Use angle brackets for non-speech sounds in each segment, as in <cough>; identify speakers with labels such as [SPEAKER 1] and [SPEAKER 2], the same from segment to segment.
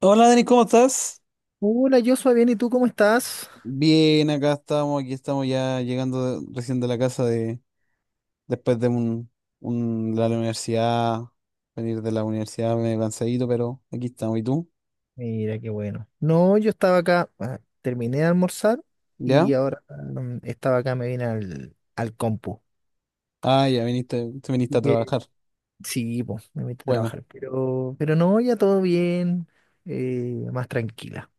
[SPEAKER 1] Hola Dani, ¿cómo estás?
[SPEAKER 2] Hola, Joshua, bien, ¿y tú cómo estás?
[SPEAKER 1] Bien, acá estamos, aquí estamos ya llegando de- recién de la casa de después de un, de la universidad, venir de la universidad medio cansadito, pero aquí estamos. ¿Y tú?
[SPEAKER 2] Mira, qué bueno. No, yo estaba acá, ah, terminé de almorzar
[SPEAKER 1] ¿Ya?
[SPEAKER 2] y ahora estaba acá, me vine al compu.
[SPEAKER 1] Ah, ya viniste, te viniste
[SPEAKER 2] Así
[SPEAKER 1] a
[SPEAKER 2] que
[SPEAKER 1] trabajar.
[SPEAKER 2] sí, pues, me metí a
[SPEAKER 1] Bueno,
[SPEAKER 2] trabajar. Pero no, ya todo bien, más tranquila.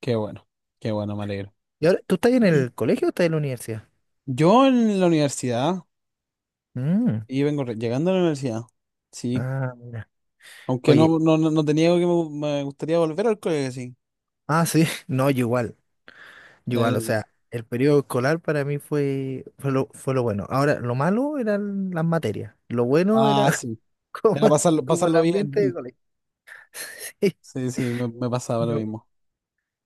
[SPEAKER 1] qué bueno, qué bueno, me alegro.
[SPEAKER 2] ¿Y ahora, tú estás en el colegio o estás en la universidad?
[SPEAKER 1] Yo en la universidad,
[SPEAKER 2] Mm,
[SPEAKER 1] y vengo llegando a la universidad, sí.
[SPEAKER 2] ah, mira.
[SPEAKER 1] Aunque
[SPEAKER 2] Oye,
[SPEAKER 1] no, no, no, no te niego que me, me gustaría volver al colegio, sí.
[SPEAKER 2] ah, sí, <laughs> no, yo igual, o
[SPEAKER 1] La-
[SPEAKER 2] sea, el periodo escolar para mí fue lo bueno. Ahora, lo malo eran las materias, lo bueno
[SPEAKER 1] ah,
[SPEAKER 2] era
[SPEAKER 1] sí.
[SPEAKER 2] <laughs> como,
[SPEAKER 1] Era pasarlo,
[SPEAKER 2] como el
[SPEAKER 1] pasarlo bien.
[SPEAKER 2] ambiente de
[SPEAKER 1] <laughs>
[SPEAKER 2] colegio. <laughs> Sí,
[SPEAKER 1] Sí, sí, me pasaba lo
[SPEAKER 2] no.
[SPEAKER 1] mismo.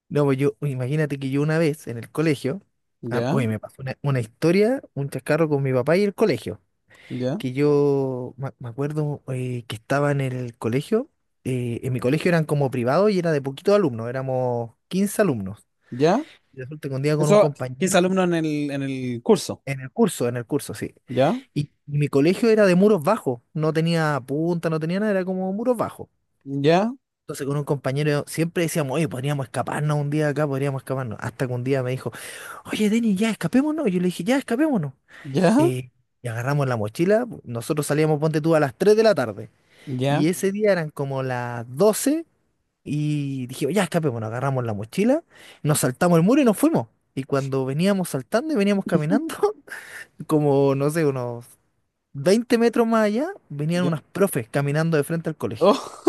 [SPEAKER 2] No, pues yo, pues imagínate que yo una vez en el colegio, ah,
[SPEAKER 1] Ya,
[SPEAKER 2] oye, me pasó una historia, un chascarro con mi papá y el colegio,
[SPEAKER 1] ya,
[SPEAKER 2] que yo me acuerdo que estaba en el colegio, en mi colegio eran como privados y era de poquitos alumnos, éramos 15 alumnos.
[SPEAKER 1] ya.
[SPEAKER 2] Y resulta que un día con un
[SPEAKER 1] Eso, 15
[SPEAKER 2] compañero,
[SPEAKER 1] alumnos en en el curso.
[SPEAKER 2] en el curso, sí.
[SPEAKER 1] Ya,
[SPEAKER 2] Y mi colegio era de muros bajos, no tenía punta, no tenía nada, era como muros bajos.
[SPEAKER 1] ya,
[SPEAKER 2] Entonces con un compañero siempre decíamos, oye, podríamos escaparnos un día acá, podríamos escaparnos. Hasta que un día me dijo, oye, Denis, ya escapémonos. Yo le dije, ya escapémonos.
[SPEAKER 1] ya,
[SPEAKER 2] Eh, y agarramos la mochila. Nosotros salíamos, ponte tú, a las 3 de la tarde.
[SPEAKER 1] ya,
[SPEAKER 2] Y ese día eran como las 12 y dijimos, ya escapémonos. Agarramos la mochila, nos saltamos el muro y nos fuimos. Y cuando veníamos saltando y veníamos caminando, <laughs> como, no sé, unos 20 metros más allá, venían
[SPEAKER 1] ya.
[SPEAKER 2] unas profes caminando de frente al colegio.
[SPEAKER 1] Oh,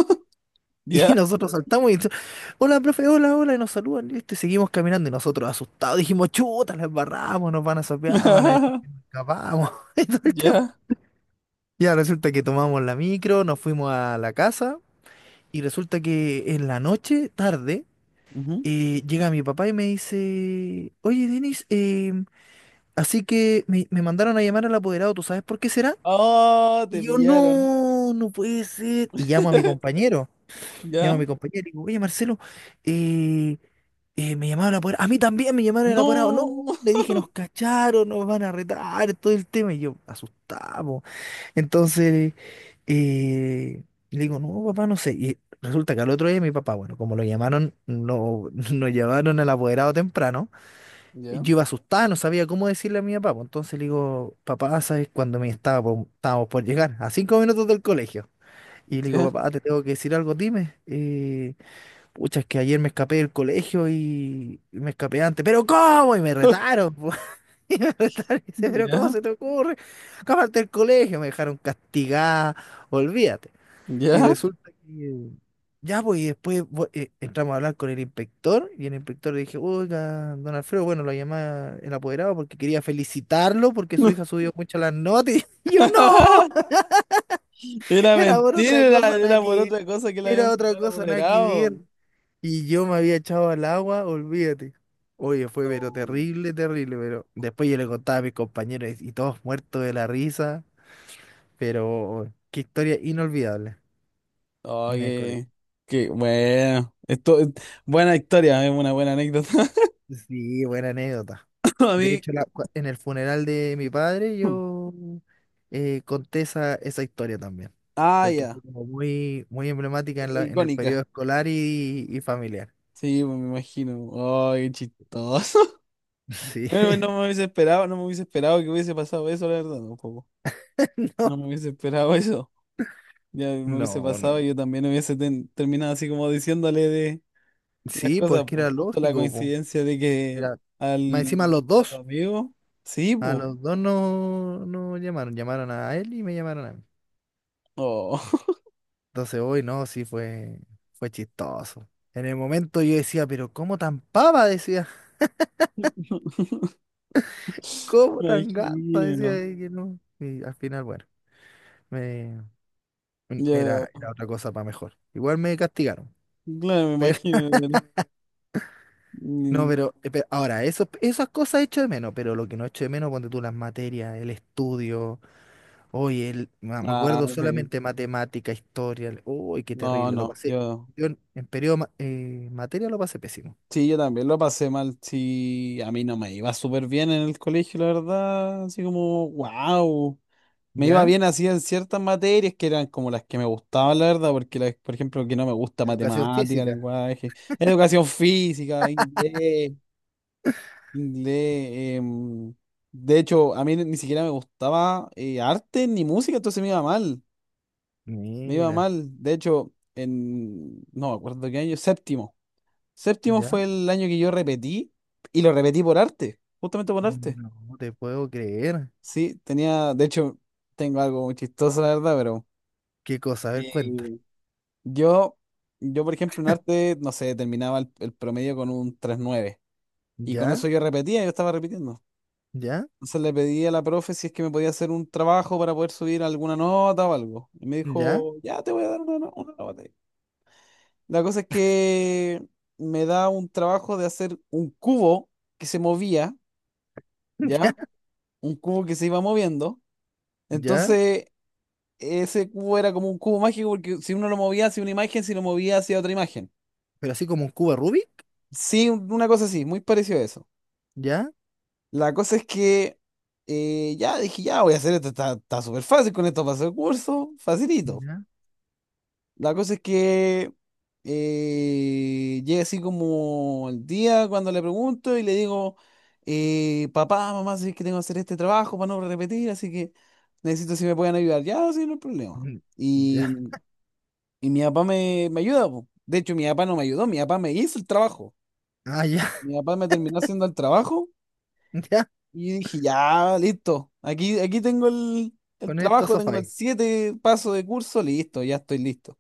[SPEAKER 1] <laughs>
[SPEAKER 2] Y
[SPEAKER 1] ya,
[SPEAKER 2] nosotros saltamos y hola, profe, hola, hola, y nos saludan, listo, y seguimos caminando. Y nosotros asustados dijimos, chuta, les barramos, nos van a sapear, van a decir
[SPEAKER 1] <laughs>
[SPEAKER 2] que nos escapamos. <laughs> Y todo el tema.
[SPEAKER 1] ya.
[SPEAKER 2] Ya resulta que tomamos la micro, nos fuimos a la casa, y resulta que en la noche, tarde,
[SPEAKER 1] Ujú.
[SPEAKER 2] llega mi papá y me dice, oye, Denis, así que me mandaron a llamar al apoderado, ¿tú sabes por qué será?
[SPEAKER 1] Oh, te
[SPEAKER 2] Y yo,
[SPEAKER 1] pillaron.
[SPEAKER 2] no, no puede ser. Y
[SPEAKER 1] <laughs>
[SPEAKER 2] llamo a
[SPEAKER 1] Ya.
[SPEAKER 2] mi compañero y digo, oye, Marcelo, eh, me llamaron apurado. A mí también me llamaron apurado. No,
[SPEAKER 1] No.
[SPEAKER 2] le dije, nos
[SPEAKER 1] <laughs>
[SPEAKER 2] cacharon, nos van a retar, todo el tema. Y yo, asustado. Entonces, eh, le digo, no, papá, no sé. Y resulta que al otro día mi papá, bueno, como lo llamaron, no, <laughs> nos llevaron al apoderado temprano. Y
[SPEAKER 1] Ya,
[SPEAKER 2] yo iba asustada, no sabía cómo decirle a mi papá, po. Entonces le digo, papá, ¿sabes cuando estábamos por llegar? A 5 minutos del colegio. Y le digo,
[SPEAKER 1] ya,
[SPEAKER 2] papá, te tengo que decir algo, dime. Pucha, es que ayer me escapé del colegio y me escapé antes. ¿Pero cómo? Y me
[SPEAKER 1] <laughs>
[SPEAKER 2] retaron, po. <laughs> Y me retaron. Y dice, ¿pero cómo
[SPEAKER 1] ya,
[SPEAKER 2] se te ocurre? Escaparte del colegio. Me dejaron castigada. Olvídate. Y
[SPEAKER 1] ya.
[SPEAKER 2] resulta que... Ya, pues, y después entramos a hablar con el inspector. Y el inspector le dije, oiga, don Alfredo, bueno, lo llamaba el apoderado porque quería felicitarlo porque su hija subió mucho las notas. <laughs> Y yo, no,
[SPEAKER 1] <laughs> Era
[SPEAKER 2] era por otra
[SPEAKER 1] mentira, era,
[SPEAKER 2] cosa, nada
[SPEAKER 1] era por
[SPEAKER 2] que
[SPEAKER 1] otra cosa que le
[SPEAKER 2] ver. Era
[SPEAKER 1] habían
[SPEAKER 2] otra
[SPEAKER 1] citado a la
[SPEAKER 2] cosa, nada que
[SPEAKER 1] moderado.
[SPEAKER 2] ver. Y yo me había echado al agua, olvídate. Oye, fue pero
[SPEAKER 1] No.
[SPEAKER 2] terrible, terrible, pero después yo le contaba a mis compañeros y todos muertos de la risa, pero qué historia inolvidable en el colegio.
[SPEAKER 1] Oye, qué bueno. Esto, buena historia, es una buena anécdota.
[SPEAKER 2] Sí, buena anécdota.
[SPEAKER 1] <laughs> A
[SPEAKER 2] De
[SPEAKER 1] mí.
[SPEAKER 2] hecho, en el funeral de mi padre yo conté esa historia también,
[SPEAKER 1] Ah,
[SPEAKER 2] porque
[SPEAKER 1] ya.
[SPEAKER 2] fue como muy, muy emblemática en el
[SPEAKER 1] Icónica.
[SPEAKER 2] periodo escolar y familiar.
[SPEAKER 1] Sí, pues, me imagino. Ay, qué chistoso. <laughs>
[SPEAKER 2] Sí,
[SPEAKER 1] Bueno, no me hubiese esperado, no me hubiese esperado que hubiese pasado eso, la verdad, tampoco.
[SPEAKER 2] <laughs> no,
[SPEAKER 1] No me hubiese esperado <laughs> eso. Ya me hubiese
[SPEAKER 2] no,
[SPEAKER 1] pasado
[SPEAKER 2] no.
[SPEAKER 1] y yo también hubiese terminado así como diciéndole de las
[SPEAKER 2] Sí,
[SPEAKER 1] cosas,
[SPEAKER 2] porque
[SPEAKER 1] pues
[SPEAKER 2] era
[SPEAKER 1] justo la
[SPEAKER 2] lógico, po.
[SPEAKER 1] coincidencia de que
[SPEAKER 2] Era- Más
[SPEAKER 1] al
[SPEAKER 2] encima los
[SPEAKER 1] a tu
[SPEAKER 2] dos,
[SPEAKER 1] amigo. Sí,
[SPEAKER 2] a
[SPEAKER 1] pues.
[SPEAKER 2] los dos no llamaron, llamaron a él y me llamaron a mí.
[SPEAKER 1] Oh.
[SPEAKER 2] Entonces hoy no, sí fue chistoso. En el momento yo decía, pero ¿cómo tan pava? Decía,
[SPEAKER 1] <laughs>
[SPEAKER 2] <laughs> ¿cómo
[SPEAKER 1] Me
[SPEAKER 2] tan gata?
[SPEAKER 1] imagino.
[SPEAKER 2] Decía y que no. Y al final, bueno, me,
[SPEAKER 1] Yo,
[SPEAKER 2] era otra cosa para mejor. Igual me castigaron.
[SPEAKER 1] claro, me
[SPEAKER 2] <laughs>
[SPEAKER 1] imagino.
[SPEAKER 2] Pero, no,
[SPEAKER 1] Mm,
[SPEAKER 2] pero, ahora, esas cosas echo de menos, pero lo que no echo de menos, ponte tú las materias, el estudio. Hoy me
[SPEAKER 1] ah,
[SPEAKER 2] acuerdo
[SPEAKER 1] sí.
[SPEAKER 2] solamente matemática, historia. Uy, qué
[SPEAKER 1] No,
[SPEAKER 2] terrible. Lo
[SPEAKER 1] no,
[SPEAKER 2] pasé.
[SPEAKER 1] yo.
[SPEAKER 2] Yo en periodo materia lo pasé pésimo.
[SPEAKER 1] Sí, yo también lo pasé mal. Sí, a mí no me iba súper bien en el colegio, la verdad. Así como, wow. Me iba
[SPEAKER 2] ¿Ya?
[SPEAKER 1] bien así en ciertas materias que eran como las que me gustaban, la verdad, porque, por ejemplo, que no me gusta
[SPEAKER 2] Educación
[SPEAKER 1] matemática,
[SPEAKER 2] física.
[SPEAKER 1] lenguaje, educación física, inglés. Inglés. em, de hecho, a mí ni siquiera me gustaba arte ni música, entonces me iba mal. Me iba
[SPEAKER 2] Mira,
[SPEAKER 1] mal. De hecho, en. No me acuerdo qué año. Séptimo. Séptimo
[SPEAKER 2] ¿ya?
[SPEAKER 1] fue el año que yo repetí y lo repetí por arte. Justamente por arte.
[SPEAKER 2] No te puedo creer.
[SPEAKER 1] Sí, tenía. De hecho, tengo algo muy chistoso, la verdad, pero.
[SPEAKER 2] Qué cosa, a ver, cuenta.
[SPEAKER 1] eh, yo, yo, por ejemplo, en arte, no sé, terminaba el promedio con un tres nueve. Y con
[SPEAKER 2] ¿Ya?
[SPEAKER 1] eso yo repetía, yo estaba repitiendo.
[SPEAKER 2] ¿Ya?
[SPEAKER 1] Entonces le pedí a la profe si es que me podía hacer un trabajo para poder subir alguna nota o algo. Y me
[SPEAKER 2] ¿Ya?
[SPEAKER 1] dijo, ya te voy a dar una, una nota. La cosa es que me da un trabajo de hacer un cubo que se movía, ¿ya?
[SPEAKER 2] <laughs>
[SPEAKER 1] Un cubo que se iba moviendo.
[SPEAKER 2] ¿Ya? ¿Ya?
[SPEAKER 1] Entonces, ese cubo era como un cubo mágico porque si uno lo movía hacia una imagen, si lo movía hacia otra imagen.
[SPEAKER 2] Pero así como un cubo Rubik.
[SPEAKER 1] Sí, una cosa así, muy parecido a eso.
[SPEAKER 2] ¿Ya?
[SPEAKER 1] La cosa es que ya dije, ya voy a hacer esto, está súper fácil con esto paso el curso, facilito.
[SPEAKER 2] ¿Ya?
[SPEAKER 1] La cosa es que llega así como el día cuando le pregunto y le digo, papá, mamá, sé que tengo que hacer este trabajo para no repetir, así que necesito si me pueden ayudar. Ya, sí, no hay problema.
[SPEAKER 2] Mm,
[SPEAKER 1] Y,
[SPEAKER 2] ¿ya?
[SPEAKER 1] y mi papá me ayuda, po. De hecho, mi papá no me ayudó, mi papá me hizo el trabajo.
[SPEAKER 2] Ah, ya,
[SPEAKER 1] Mi papá me terminó haciendo el trabajo
[SPEAKER 2] <laughs> ya.
[SPEAKER 1] y dije, ya, listo. Aquí tengo el
[SPEAKER 2] Con esto
[SPEAKER 1] trabajo,
[SPEAKER 2] sofá.
[SPEAKER 1] tengo el siete, paso de curso, listo, ya estoy listo.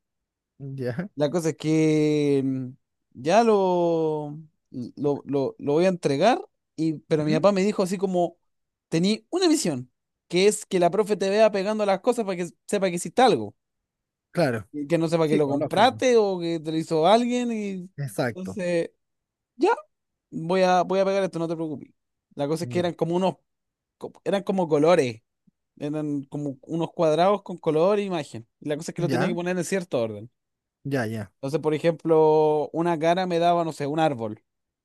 [SPEAKER 2] ¿Ya?
[SPEAKER 1] La cosa es que ya lo, lo voy a entregar, y, pero mi
[SPEAKER 2] ¿Mm?
[SPEAKER 1] papá me dijo así como, tení una misión, que es que la profe te vea pegando las cosas para que sepa que hiciste algo,
[SPEAKER 2] Claro.
[SPEAKER 1] y que no sepa que
[SPEAKER 2] Sí,
[SPEAKER 1] lo
[SPEAKER 2] por lógico.
[SPEAKER 1] compraste o que te lo hizo alguien, y
[SPEAKER 2] Exacto.
[SPEAKER 1] entonces, ya, voy a pegar esto, no te preocupes. La cosa es que
[SPEAKER 2] Ya.
[SPEAKER 1] eran como eran como colores, eran como unos cuadrados con color e imagen. Y la cosa es que lo tenía
[SPEAKER 2] Ya,
[SPEAKER 1] que poner en cierto orden.
[SPEAKER 2] ya, ya.
[SPEAKER 1] Entonces, por ejemplo, una cara me daba, no sé, un árbol,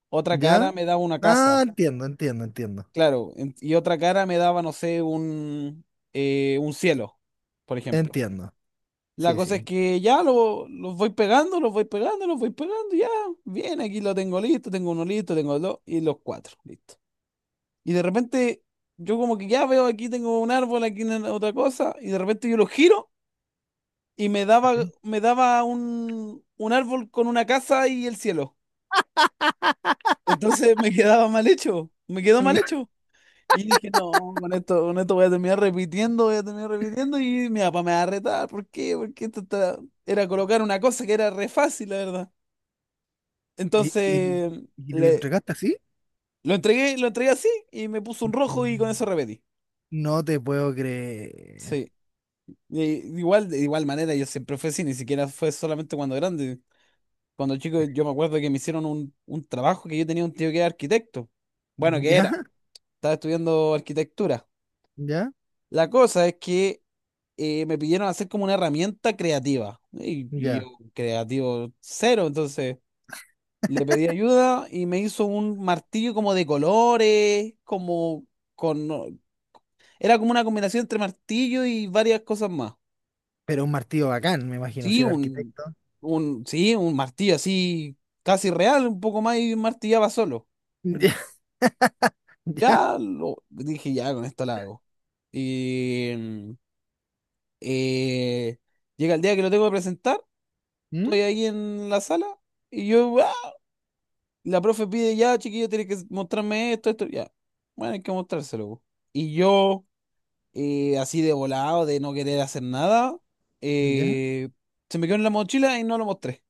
[SPEAKER 1] otra
[SPEAKER 2] ¿Ya?
[SPEAKER 1] cara me daba una
[SPEAKER 2] Ah,
[SPEAKER 1] casa,
[SPEAKER 2] entiendo, entiendo, entiendo.
[SPEAKER 1] claro, y otra cara me daba, no sé, un cielo, por ejemplo.
[SPEAKER 2] Entiendo.
[SPEAKER 1] La
[SPEAKER 2] Sí,
[SPEAKER 1] cosa es
[SPEAKER 2] sí.
[SPEAKER 1] que ya los voy pegando, los voy pegando, los voy pegando, ya, bien, aquí lo tengo listo, tengo uno listo, tengo dos, y los cuatro, listo. Y de repente, yo como que ya veo, aquí tengo un árbol, aquí otra cosa, y de repente yo lo giro y
[SPEAKER 2] Entiendo.
[SPEAKER 1] me daba un árbol con una casa y el cielo. Entonces me quedaba mal hecho, me quedó mal
[SPEAKER 2] <laughs>
[SPEAKER 1] hecho. Y dije, no, con esto voy a terminar repitiendo, voy a terminar repitiendo y mi papá me va a retar. ¿Por qué? Porque esto era colocar una cosa que era re fácil, la verdad.
[SPEAKER 2] ¿Y, y,
[SPEAKER 1] Entonces
[SPEAKER 2] y lo
[SPEAKER 1] le,
[SPEAKER 2] entregaste así?
[SPEAKER 1] lo entregué así y me puso un rojo y con eso
[SPEAKER 2] Mm.
[SPEAKER 1] repetí.
[SPEAKER 2] No te puedo creer. <laughs>
[SPEAKER 1] Sí. Y igual, de igual manera, yo siempre fui así, ni siquiera fue solamente cuando grande. Cuando chico, yo me acuerdo que me hicieron un trabajo que yo tenía un tío que era arquitecto. Bueno, que
[SPEAKER 2] ¿Ya?
[SPEAKER 1] era, estaba estudiando arquitectura.
[SPEAKER 2] ¿Ya?
[SPEAKER 1] La cosa es que me pidieron hacer como una herramienta creativa. Y yo,
[SPEAKER 2] ¿Ya?
[SPEAKER 1] creativo cero, entonces le pedí ayuda y me hizo un martillo como de colores, como con... no, era como una combinación entre martillo y varias cosas más.
[SPEAKER 2] Pero un martillo bacán, me imagino, si
[SPEAKER 1] Sí,
[SPEAKER 2] era arquitecto.
[SPEAKER 1] sí, un martillo así casi real, un poco más y martillaba solo.
[SPEAKER 2] <laughs>
[SPEAKER 1] Mm.
[SPEAKER 2] ¿Ya? ¿Ya?
[SPEAKER 1] Ya lo dije, ya con esto la hago. Y eh, llega el día que lo tengo que presentar.
[SPEAKER 2] ¿Mm?
[SPEAKER 1] Estoy ahí en la sala y yo, ¡ah! La profe pide, ya, chiquillo, tiene que mostrarme esto, esto, ya. Bueno, hay que mostrárselo, po. Y yo, así de volado, de no querer hacer nada,
[SPEAKER 2] ¿Ya?
[SPEAKER 1] eh, se me quedó en la mochila y no lo mostré.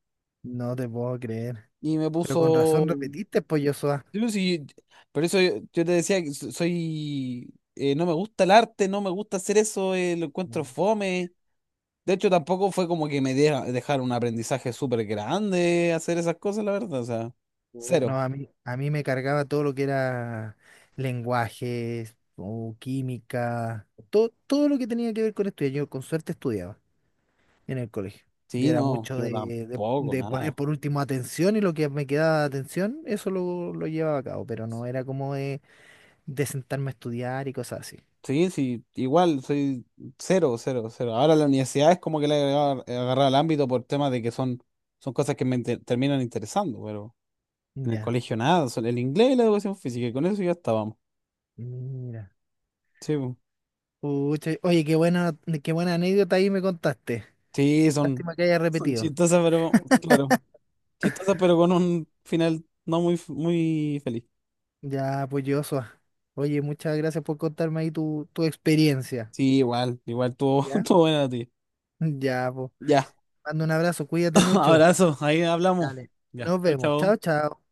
[SPEAKER 2] No te puedo creer.
[SPEAKER 1] Y me
[SPEAKER 2] Pero con
[SPEAKER 1] puso...
[SPEAKER 2] razón repetiste, pues, Joshua.
[SPEAKER 1] Yo sí- por eso yo, yo te decía que soy... no me gusta el arte, no me gusta hacer eso, lo encuentro fome. De hecho, tampoco fue como que me deja, dejar un aprendizaje súper grande hacer esas cosas, la verdad. O sea,
[SPEAKER 2] Oh, no,
[SPEAKER 1] cero.
[SPEAKER 2] a mí me cargaba todo lo que era lenguajes, o química, todo, todo lo que tenía que ver con estudiar. Yo con suerte estudiaba en el colegio. Yo
[SPEAKER 1] Sí,
[SPEAKER 2] era
[SPEAKER 1] no,
[SPEAKER 2] mucho
[SPEAKER 1] yo
[SPEAKER 2] de, de-
[SPEAKER 1] tampoco,
[SPEAKER 2] de poner
[SPEAKER 1] nada.
[SPEAKER 2] por último atención y lo que me quedaba de atención, eso lo llevaba a cabo, pero no era como de sentarme a estudiar y cosas así.
[SPEAKER 1] Sí, sí, igual, soy cero, cero, cero. Ahora la universidad es como que le he agarrado, he agarrado el ámbito por temas de que son, son cosas que me terminan interesando, pero en el
[SPEAKER 2] Ya,
[SPEAKER 1] colegio nada, son el inglés y la educación física, y con eso ya estábamos.
[SPEAKER 2] mira.
[SPEAKER 1] Sí, po.
[SPEAKER 2] Pucha, oye, qué buena anécdota ahí me contaste.
[SPEAKER 1] Sí, son,
[SPEAKER 2] Lástima que haya
[SPEAKER 1] son
[SPEAKER 2] repetido.
[SPEAKER 1] chistosas, pero claro, chistosas, pero con un final no muy, muy feliz.
[SPEAKER 2] Ya, pues, Joshua. Oye, muchas gracias por contarme ahí tu experiencia.
[SPEAKER 1] Sí, igual, igual, tuvo, <laughs>
[SPEAKER 2] ¿Ya?
[SPEAKER 1] tuvo buena la tuya.
[SPEAKER 2] <laughs> Ya, pues.
[SPEAKER 1] Ya,
[SPEAKER 2] Mando un abrazo, cuídate
[SPEAKER 1] <laughs>
[SPEAKER 2] mucho.
[SPEAKER 1] abrazo, ahí hablamos.
[SPEAKER 2] Dale.
[SPEAKER 1] Ya,
[SPEAKER 2] Nos
[SPEAKER 1] chao,
[SPEAKER 2] vemos. Chao,
[SPEAKER 1] chao.
[SPEAKER 2] chao.